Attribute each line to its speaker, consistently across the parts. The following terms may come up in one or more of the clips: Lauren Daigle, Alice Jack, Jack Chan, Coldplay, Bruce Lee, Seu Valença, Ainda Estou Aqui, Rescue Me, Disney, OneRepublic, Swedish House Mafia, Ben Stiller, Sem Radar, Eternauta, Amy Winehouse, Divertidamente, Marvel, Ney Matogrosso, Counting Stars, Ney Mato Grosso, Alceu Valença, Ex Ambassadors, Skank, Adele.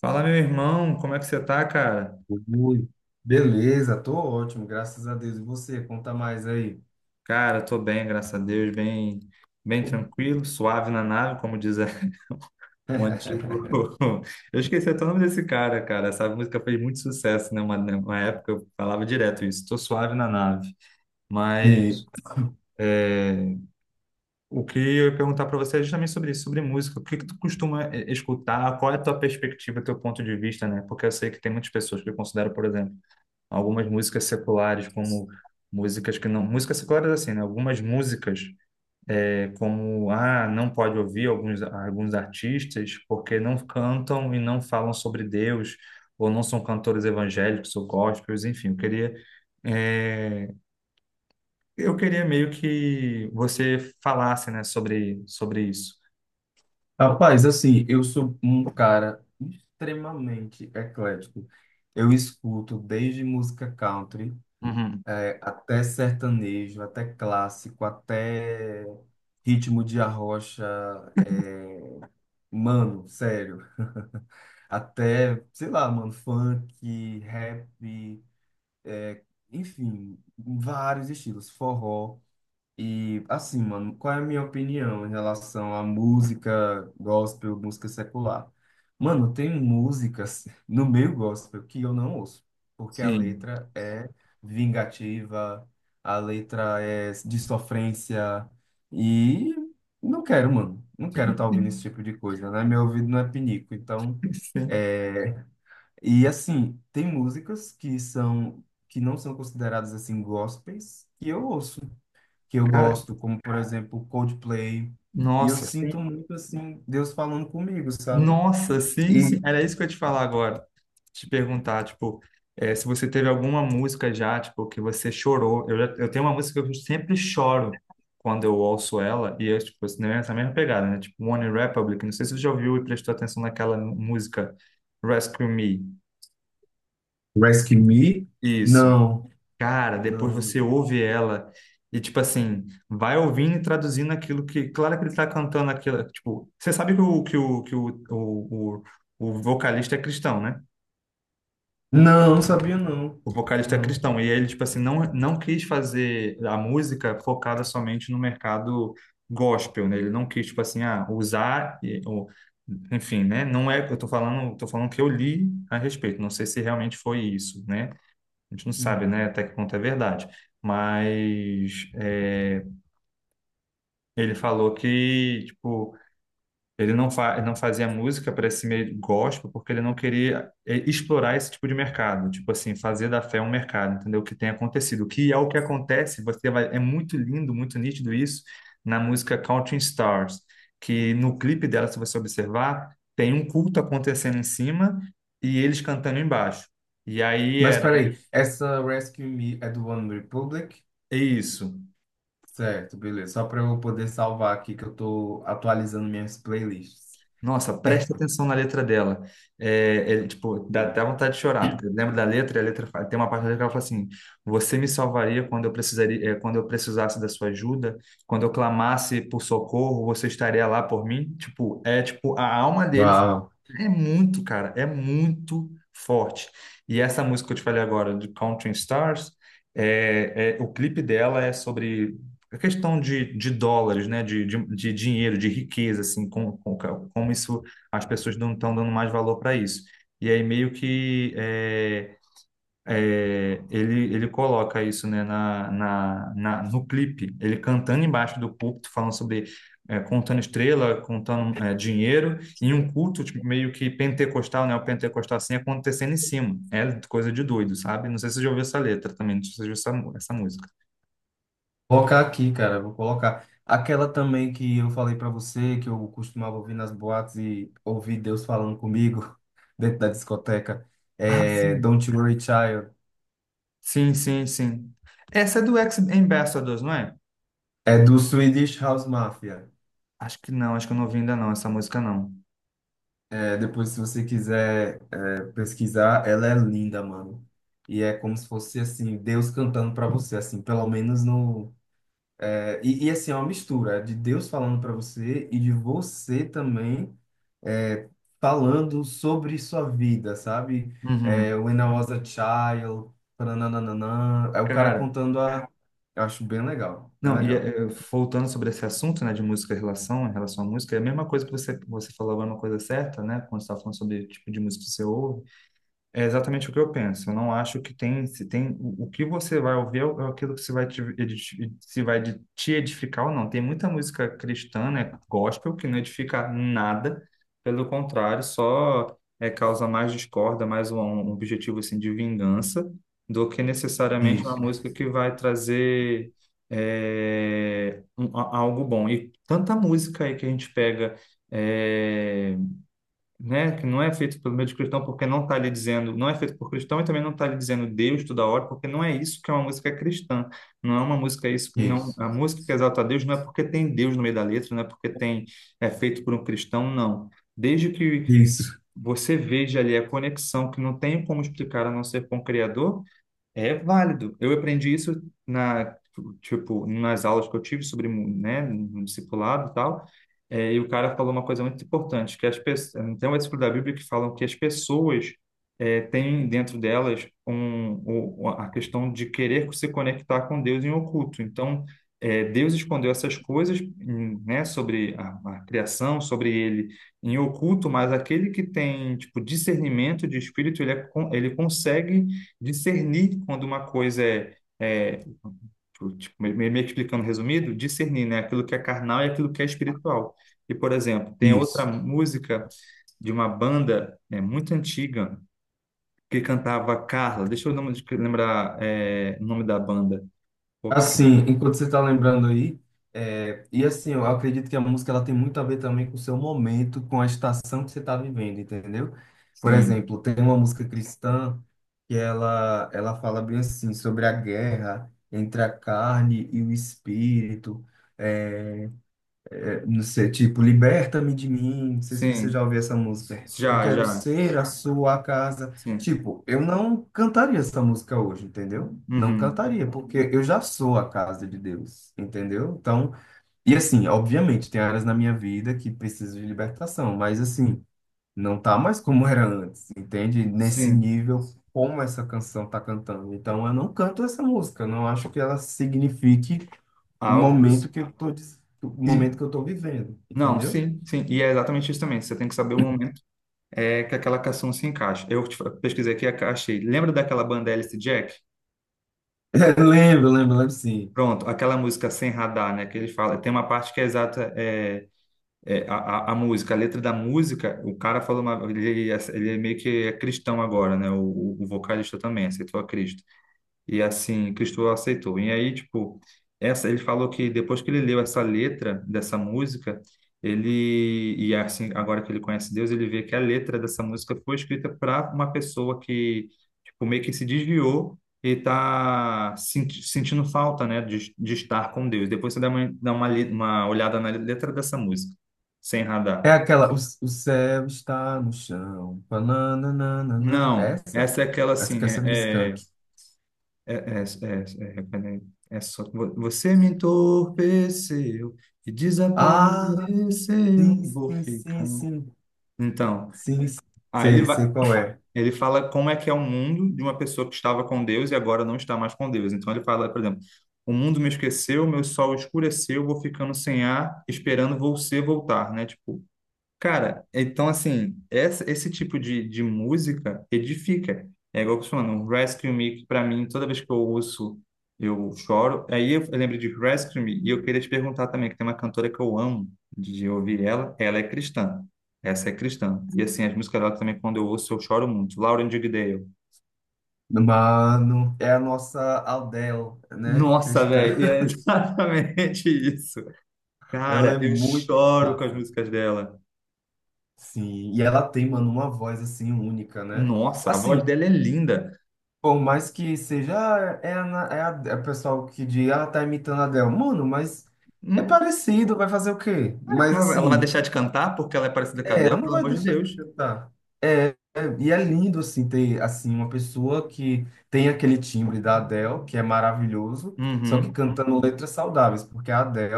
Speaker 1: Fala, meu irmão, como é que você tá, cara?
Speaker 2: Oi, beleza, tô ótimo, graças a Deus. E você, conta mais aí.
Speaker 1: Cara, tô bem, graças a Deus, bem, bem tranquilo, suave na nave, como diz o antigo. Eu esqueci até o nome desse cara, cara. Essa música fez muito sucesso, né? Uma época eu falava direto isso, tô suave na nave.
Speaker 2: E,
Speaker 1: Mas é, o que eu ia perguntar para você é justamente sobre isso, sobre música. O que que tu costuma escutar? Qual é a tua perspectiva, teu ponto de vista, né? Porque eu sei que tem muitas pessoas que eu considero, por exemplo, algumas músicas seculares como músicas que não músicas seculares, assim, né, algumas músicas como, ah, não pode ouvir alguns artistas porque não cantam e não falam sobre Deus, ou não são cantores evangélicos ou gospels, enfim, eu queria, é, eu queria meio que você falasse, né, sobre isso.
Speaker 2: rapaz, assim, eu sou um cara extremamente eclético. Eu escuto desde música country,
Speaker 1: Uhum.
Speaker 2: até sertanejo, até clássico, até ritmo de arrocha, eh, mano, sério. Até, sei lá, mano, funk, rap. é, Enfim, vários estilos, forró. E assim, mano, qual é a minha opinião em relação à música gospel, música secular? Mano, tem músicas no meio gospel que eu não ouço, porque a
Speaker 1: Sim,
Speaker 2: letra é vingativa, a letra é de sofrência, e não quero, mano, não quero
Speaker 1: sim,
Speaker 2: estar ouvindo esse
Speaker 1: sim.
Speaker 2: tipo de coisa, né? Meu ouvido não é pinico, então.
Speaker 1: Sim.
Speaker 2: É, e assim, tem músicas que são que não são consideradas assim gospels, que eu ouço, que eu
Speaker 1: Cara.
Speaker 2: gosto, como por exemplo, Coldplay, e eu
Speaker 1: Nossa, sim.
Speaker 2: sinto muito assim Deus falando comigo, sabe?
Speaker 1: Nossa, sim, sim.
Speaker 2: E
Speaker 1: Era isso que eu ia te falar agora. Te perguntar, tipo, se você teve alguma música já, tipo, que você chorou. Eu, eu tenho uma música que eu sempre choro quando eu ouço ela, e é, tipo, assim, nessa mesma pegada, né? Tipo, One Republic. Não sei se você já ouviu e prestou atenção naquela música Rescue Me.
Speaker 2: Rescue Me?
Speaker 1: Isso.
Speaker 2: Não,
Speaker 1: Cara, depois
Speaker 2: não.
Speaker 1: você ouve ela e, tipo assim, vai ouvindo e traduzindo aquilo que. Claro que ele tá cantando aquilo. Tipo, você sabe que o vocalista é cristão, né?
Speaker 2: Não, não sabia não.
Speaker 1: O vocalista é
Speaker 2: Não.
Speaker 1: cristão. E ele, tipo assim, não quis fazer a música focada somente no mercado gospel, né? Ele não quis, tipo assim, ah, usar, ou, enfim, né? Não é, eu tô falando que eu li a respeito. Não sei se realmente foi isso, né? A gente não sabe,
Speaker 2: Sim.
Speaker 1: né, até que ponto é verdade. Mas é, ele falou que, tipo, ele não, fa não fazia música para esse meio gospel porque ele não queria, explorar esse tipo de mercado, tipo assim, fazer da fé um mercado, entendeu? O que tem acontecido, o que acontece, você vai, é muito lindo, muito nítido isso na música Counting Stars, que no clipe dela, se você observar, tem um culto acontecendo em cima e eles cantando embaixo. E aí
Speaker 2: Mas
Speaker 1: era, né?
Speaker 2: peraí, essa Rescue Me é do One Republic?
Speaker 1: É isso.
Speaker 2: Certo, beleza. Só para eu poder salvar aqui que eu tô atualizando minhas playlists.
Speaker 1: Nossa, presta atenção na letra dela. É, é, tipo, dá até
Speaker 2: Sim.
Speaker 1: vontade de chorar, porque lembra da letra, e a letra tem uma parte da letra que ela fala assim: Você me salvaria quando eu precisaria, é, quando eu precisasse da sua ajuda, quando eu clamasse por socorro, você estaria lá por mim. Tipo, é tipo a alma dele
Speaker 2: Uau.
Speaker 1: é muito, cara, é muito forte. E essa música que eu te falei agora, de Counting Stars, é, o clipe dela é sobre a questão de dólares, né? De dinheiro, de riqueza, assim, como isso, as pessoas não estão dando mais valor para isso. E aí meio que é, é, ele coloca isso, né, no clipe, ele cantando embaixo do púlpito, falando sobre, é, contando estrela, contando, é, dinheiro, e um culto tipo, meio que pentecostal, né, o pentecostal assim, acontecendo em cima. É coisa de doido, sabe? Não sei se você já ouviu essa letra também, não sei se você já ouviu essa, essa música.
Speaker 2: Colocar aqui, cara. Vou colocar aquela também que eu falei pra você, que eu costumava ouvir nas boates e ouvir Deus falando comigo dentro da discoteca.
Speaker 1: Ah,
Speaker 2: É
Speaker 1: sim.
Speaker 2: Don't You Worry Child.
Speaker 1: Sim, sim, sim. Essa é do Ex Ambassadors, não é?
Speaker 2: É do Swedish House Mafia.
Speaker 1: Acho que não, acho que eu não ouvi ainda não, essa música não.
Speaker 2: É, depois, se você quiser pesquisar, ela é linda, mano. E é como se fosse assim, Deus cantando pra você, assim, pelo menos no... É, e assim, é uma mistura de Deus falando para você e de você também é, falando sobre sua vida, sabe?
Speaker 1: Uhum.
Speaker 2: É, When I Was a Child, nananana, é o cara
Speaker 1: Cara.
Speaker 2: contando a... Eu acho bem legal, bem
Speaker 1: Não, e
Speaker 2: legal.
Speaker 1: voltando sobre esse assunto, né, de música em relação à música, é a mesma coisa que você falou agora, uma coisa certa, né, quando você estava falando sobre o tipo de música que você ouve, é exatamente o que eu penso. Eu não acho que tem, se tem o que você vai ouvir é é aquilo que se vai te, edi- se vai de- te edificar ou não. Tem muita música cristã, né, gospel, que não edifica nada, pelo contrário, só é, causa mais discórdia, mais um, um objetivo assim de vingança, do que necessariamente uma música
Speaker 2: Isso,
Speaker 1: que vai trazer é, algo bom. E tanta música aí que a gente pega é, né, que não é feito pelo meio de cristão porque não está lhe dizendo, não é feito por cristão e também não está lhe dizendo Deus toda hora, porque não é isso que é uma música cristã. Não é uma música isso, não,
Speaker 2: isso,
Speaker 1: a música que exalta a Deus não é porque tem Deus no meio da letra, não é porque tem é feito por um cristão, não. Desde que
Speaker 2: isso,
Speaker 1: você veja ali a conexão que não tem como explicar a não ser com o Criador, é válido. Eu aprendi isso na, tipo, nas aulas que eu tive sobre, né, no discipulado e tal. É, e o cara falou uma coisa muito importante, que as pessoas, tem um versículo da Bíblia que falam que as pessoas é, têm dentro delas um, a questão de querer se conectar com Deus em oculto. Então, é, Deus escondeu essas coisas, né, sobre a criação, sobre ele em oculto, mas aquele que tem, tipo, discernimento de espírito, ele, ele consegue discernir quando uma coisa é, é tipo, meio que explicando resumido, discernir, né, aquilo que é carnal e aquilo que é espiritual. E, por exemplo, tem outra
Speaker 2: isso.
Speaker 1: música de uma banda, né, muito antiga, que cantava Carla. Lembrar, é, o nome da banda. Pô,
Speaker 2: Assim,
Speaker 1: Carla.
Speaker 2: enquanto você está lembrando aí, e assim, eu acredito que a música ela tem muito a ver também com o seu momento, com a estação que você está vivendo, entendeu? Por
Speaker 1: Sim,
Speaker 2: exemplo, tem uma música cristã que ela fala bem assim sobre a guerra entre a carne e o espírito, é, não sei, tipo, liberta-me de mim. Não sei se você
Speaker 1: sim,
Speaker 2: já ouviu essa música. Eu
Speaker 1: já,
Speaker 2: quero
Speaker 1: já,
Speaker 2: ser a sua casa.
Speaker 1: sim,
Speaker 2: Tipo, eu não cantaria essa música hoje, entendeu? Não
Speaker 1: uhum,
Speaker 2: cantaria, porque eu já sou a casa de Deus, entendeu? Então, e assim, obviamente, tem áreas na minha vida que precisam de libertação, mas assim, não tá mais como era antes, entende? Nesse
Speaker 1: sim,
Speaker 2: nível, como essa canção tá cantando. Então, eu não canto essa música, não acho que ela signifique o
Speaker 1: algo.
Speaker 2: momento
Speaker 1: Pros-.
Speaker 2: que eu tô, o
Speaker 1: E,
Speaker 2: momento que eu tô vivendo,
Speaker 1: não,
Speaker 2: entendeu?
Speaker 1: sim, sim, e é exatamente isso também. Você tem que saber o momento é que aquela canção se encaixa. Pesquisei aqui, achei. Lembra daquela banda Alice Jack?
Speaker 2: Lembro, lembro, lembro sim.
Speaker 1: Pronto, aquela música Sem Radar, né? Que ele fala, tem uma parte que é exata, é, é, a música, a letra da música, o cara falou, uma, ele é meio que é cristão agora, né? O vocalista também aceitou a Cristo. E assim, Cristo aceitou. E aí, tipo, essa, ele falou que depois que ele leu essa letra dessa música, ele, e assim, agora que ele conhece Deus, ele vê que a letra dessa música foi escrita para uma pessoa que, tipo, meio que se desviou e tá sentindo falta, né, de estar com Deus. Depois você dá uma, uma olhada na letra dessa música, sem
Speaker 2: É
Speaker 1: radar.
Speaker 2: aquela, o céu está no chão, pananana,
Speaker 1: Não,
Speaker 2: essa?
Speaker 1: essa é aquela
Speaker 2: Essa que é
Speaker 1: assim,
Speaker 2: essa do
Speaker 1: é, é,
Speaker 2: Skank.
Speaker 1: É, peraí. É só você me entorpeceu e
Speaker 2: Ah, sim,
Speaker 1: desapareceu, vou
Speaker 2: sim, sim,
Speaker 1: ficando.
Speaker 2: sim,
Speaker 1: Então,
Speaker 2: sim, sim.
Speaker 1: aí ele
Speaker 2: Sei,
Speaker 1: vai,
Speaker 2: sei qual é.
Speaker 1: ele fala como é que é o mundo de uma pessoa que estava com Deus e agora não está mais com Deus. Então ele fala, por exemplo, o mundo me esqueceu, meu sol escureceu, vou ficando sem ar, esperando você voltar, né? Tipo, cara, então assim, esse tipo de música edifica. É igual que você falando, um Rescue Me, que pra mim, toda vez que eu ouço, eu choro. Aí eu lembro de Rescue Me, e eu queria te perguntar também, que tem uma cantora que eu amo de ouvir ela, ela é cristã. Essa é cristã. E assim, as músicas dela também, quando eu ouço, eu choro muito. Lauren Daigle.
Speaker 2: Mano, é a nossa Adele, né,
Speaker 1: Nossa,
Speaker 2: cristã.
Speaker 1: velho, é exatamente isso.
Speaker 2: Ela
Speaker 1: Cara,
Speaker 2: é
Speaker 1: eu
Speaker 2: muito
Speaker 1: choro com as
Speaker 2: massa.
Speaker 1: músicas dela.
Speaker 2: Sim, e ela tem, mano, uma voz assim única, né?
Speaker 1: Nossa, a voz
Speaker 2: Assim,
Speaker 1: dela é linda.
Speaker 2: por mais que seja, ah, Ana- é o pessoal que diz, ah, tá imitando a Adele. Mano, mas é
Speaker 1: Hum?
Speaker 2: parecido, vai fazer o quê? Mas
Speaker 1: Ela vai
Speaker 2: assim,
Speaker 1: deixar de cantar porque ela é parecida com a
Speaker 2: ela
Speaker 1: Adele,
Speaker 2: não
Speaker 1: pelo
Speaker 2: vai
Speaker 1: amor de
Speaker 2: deixar de
Speaker 1: Deus.
Speaker 2: cantar. É, e é lindo, assim, ter, assim, uma pessoa que tem aquele timbre da Adele, que é maravilhoso, só
Speaker 1: Uhum.
Speaker 2: que cantando letras saudáveis, porque a Adele,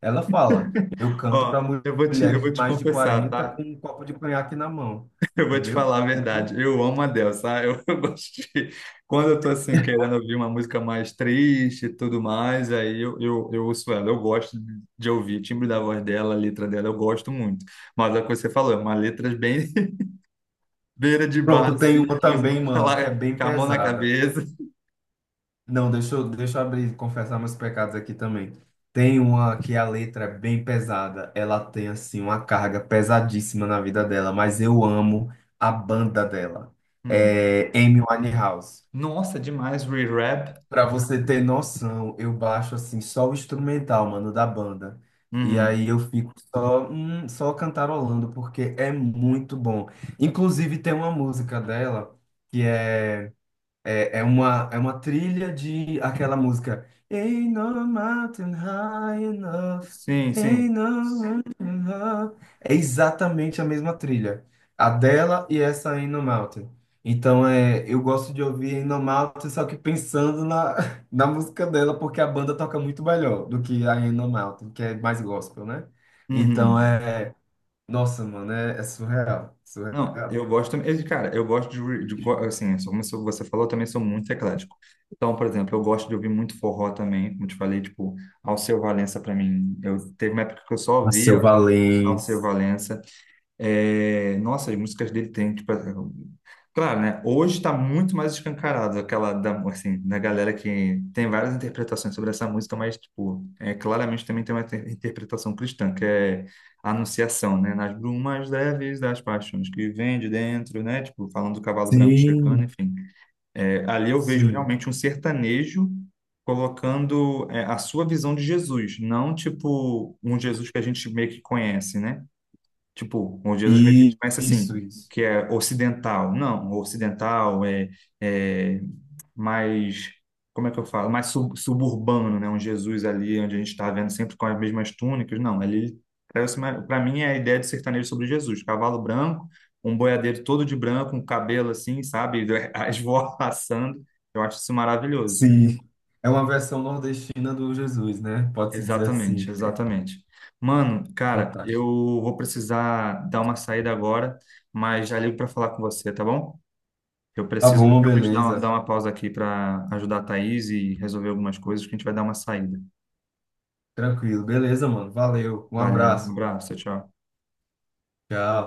Speaker 2: ela fala, eu canto para
Speaker 1: Ó, eu
Speaker 2: mulheres
Speaker 1: vou
Speaker 2: de
Speaker 1: te
Speaker 2: mais de
Speaker 1: confessar,
Speaker 2: 40
Speaker 1: tá?
Speaker 2: com um copo de conhaque na mão,
Speaker 1: Eu vou te
Speaker 2: entendeu?
Speaker 1: falar a
Speaker 2: Tipo
Speaker 1: verdade.
Speaker 2: isso.
Speaker 1: Eu amo a Adele, sabe? Eu, eu gosto de... Quando eu tô assim, querendo ouvir uma música mais triste e tudo mais, aí eu ouço ela. Eu gosto de ouvir o timbre da voz dela, a letra dela, eu gosto muito. Mas é o que você falou, é uma letra bem beira de bar,
Speaker 2: Pronto, tem
Speaker 1: assim,
Speaker 2: uma
Speaker 1: que você
Speaker 2: também,
Speaker 1: pode
Speaker 2: mano, que é
Speaker 1: falar
Speaker 2: bem
Speaker 1: com a mão na
Speaker 2: pesada.
Speaker 1: cabeça.
Speaker 2: Não, deixa eu abrir, confessar meus pecados aqui também. Tem uma que a letra é bem pesada, ela tem assim uma carga pesadíssima na vida dela, mas eu amo a banda dela.
Speaker 1: Hum.
Speaker 2: É Amy Winehouse.
Speaker 1: Nossa, demais, re-rap.
Speaker 2: Pra você ter noção, eu baixo assim só o instrumental, mano, da banda. E
Speaker 1: Uhum.
Speaker 2: aí eu fico só, só cantarolando porque é muito bom. Inclusive tem uma música dela que é uma trilha de aquela música. Ain't No Mountain High Enough.
Speaker 1: Sim, sim.
Speaker 2: Ain't No Mountain High. É exatamente a mesma trilha. A dela e essa Ain't No Mountain. Então é, eu gosto de ouvir Ain't No Mountain, só que pensando na, na música dela, porque a banda toca muito melhor do que a Ain't No Mountain, que é mais gospel, né? Então
Speaker 1: Uhum.
Speaker 2: é. Nossa, mano, é surreal.
Speaker 1: Não,
Speaker 2: Surreal.
Speaker 1: eu gosto também. Cara, eu gosto de, assim, só como você falou, eu também sou muito eclético. Então, por exemplo, eu gosto de ouvir muito forró também, como te falei, tipo, Alceu Valença pra mim. Eu teve uma época que eu só
Speaker 2: Seu
Speaker 1: ouvia Alceu
Speaker 2: Valença.
Speaker 1: Valença. É, nossa, as músicas dele tem, tipo, claro, né? Hoje está muito mais escancarado aquela da, assim, da galera que tem várias interpretações sobre essa música, mas, tipo, é, claramente também tem uma interpretação cristã, que é a anunciação, né? Nas brumas leves das paixões que vem de dentro, né? Tipo, falando do cavalo branco chegando,
Speaker 2: Sim,
Speaker 1: enfim. É, ali eu vejo
Speaker 2: sim.
Speaker 1: realmente um sertanejo colocando, é, a sua visão de Jesus, não, tipo, um Jesus que a gente meio que conhece, né? Tipo, onde Jesus meio que a gente
Speaker 2: E
Speaker 1: conhece assim,
Speaker 2: isso, isso.
Speaker 1: que é ocidental. Não, o ocidental é, é mais, como é que eu falo? Mais suburbano, né? Um Jesus ali, onde a gente está vendo sempre com as mesmas túnicas. Não, ali, para mim, é a ideia de sertanejo sobre Jesus. Cavalo branco, um boiadeiro todo de branco, um cabelo assim, sabe? As vozes passando. Eu acho isso maravilhoso.
Speaker 2: Sim. É uma versão nordestina do Jesus, né? Pode-se dizer assim.
Speaker 1: Exatamente, exatamente. Mano, cara, eu
Speaker 2: Fantástico.
Speaker 1: vou precisar dar uma saída agora, mas já ligo para falar com você, tá bom? Eu
Speaker 2: Tá
Speaker 1: preciso
Speaker 2: bom,
Speaker 1: realmente
Speaker 2: beleza.
Speaker 1: dar uma pausa aqui para ajudar a Thaís e resolver algumas coisas, que a gente vai dar uma saída.
Speaker 2: Tranquilo. Beleza, mano. Valeu. Um
Speaker 1: Valeu, um
Speaker 2: abraço.
Speaker 1: abraço, tchau.
Speaker 2: Tchau.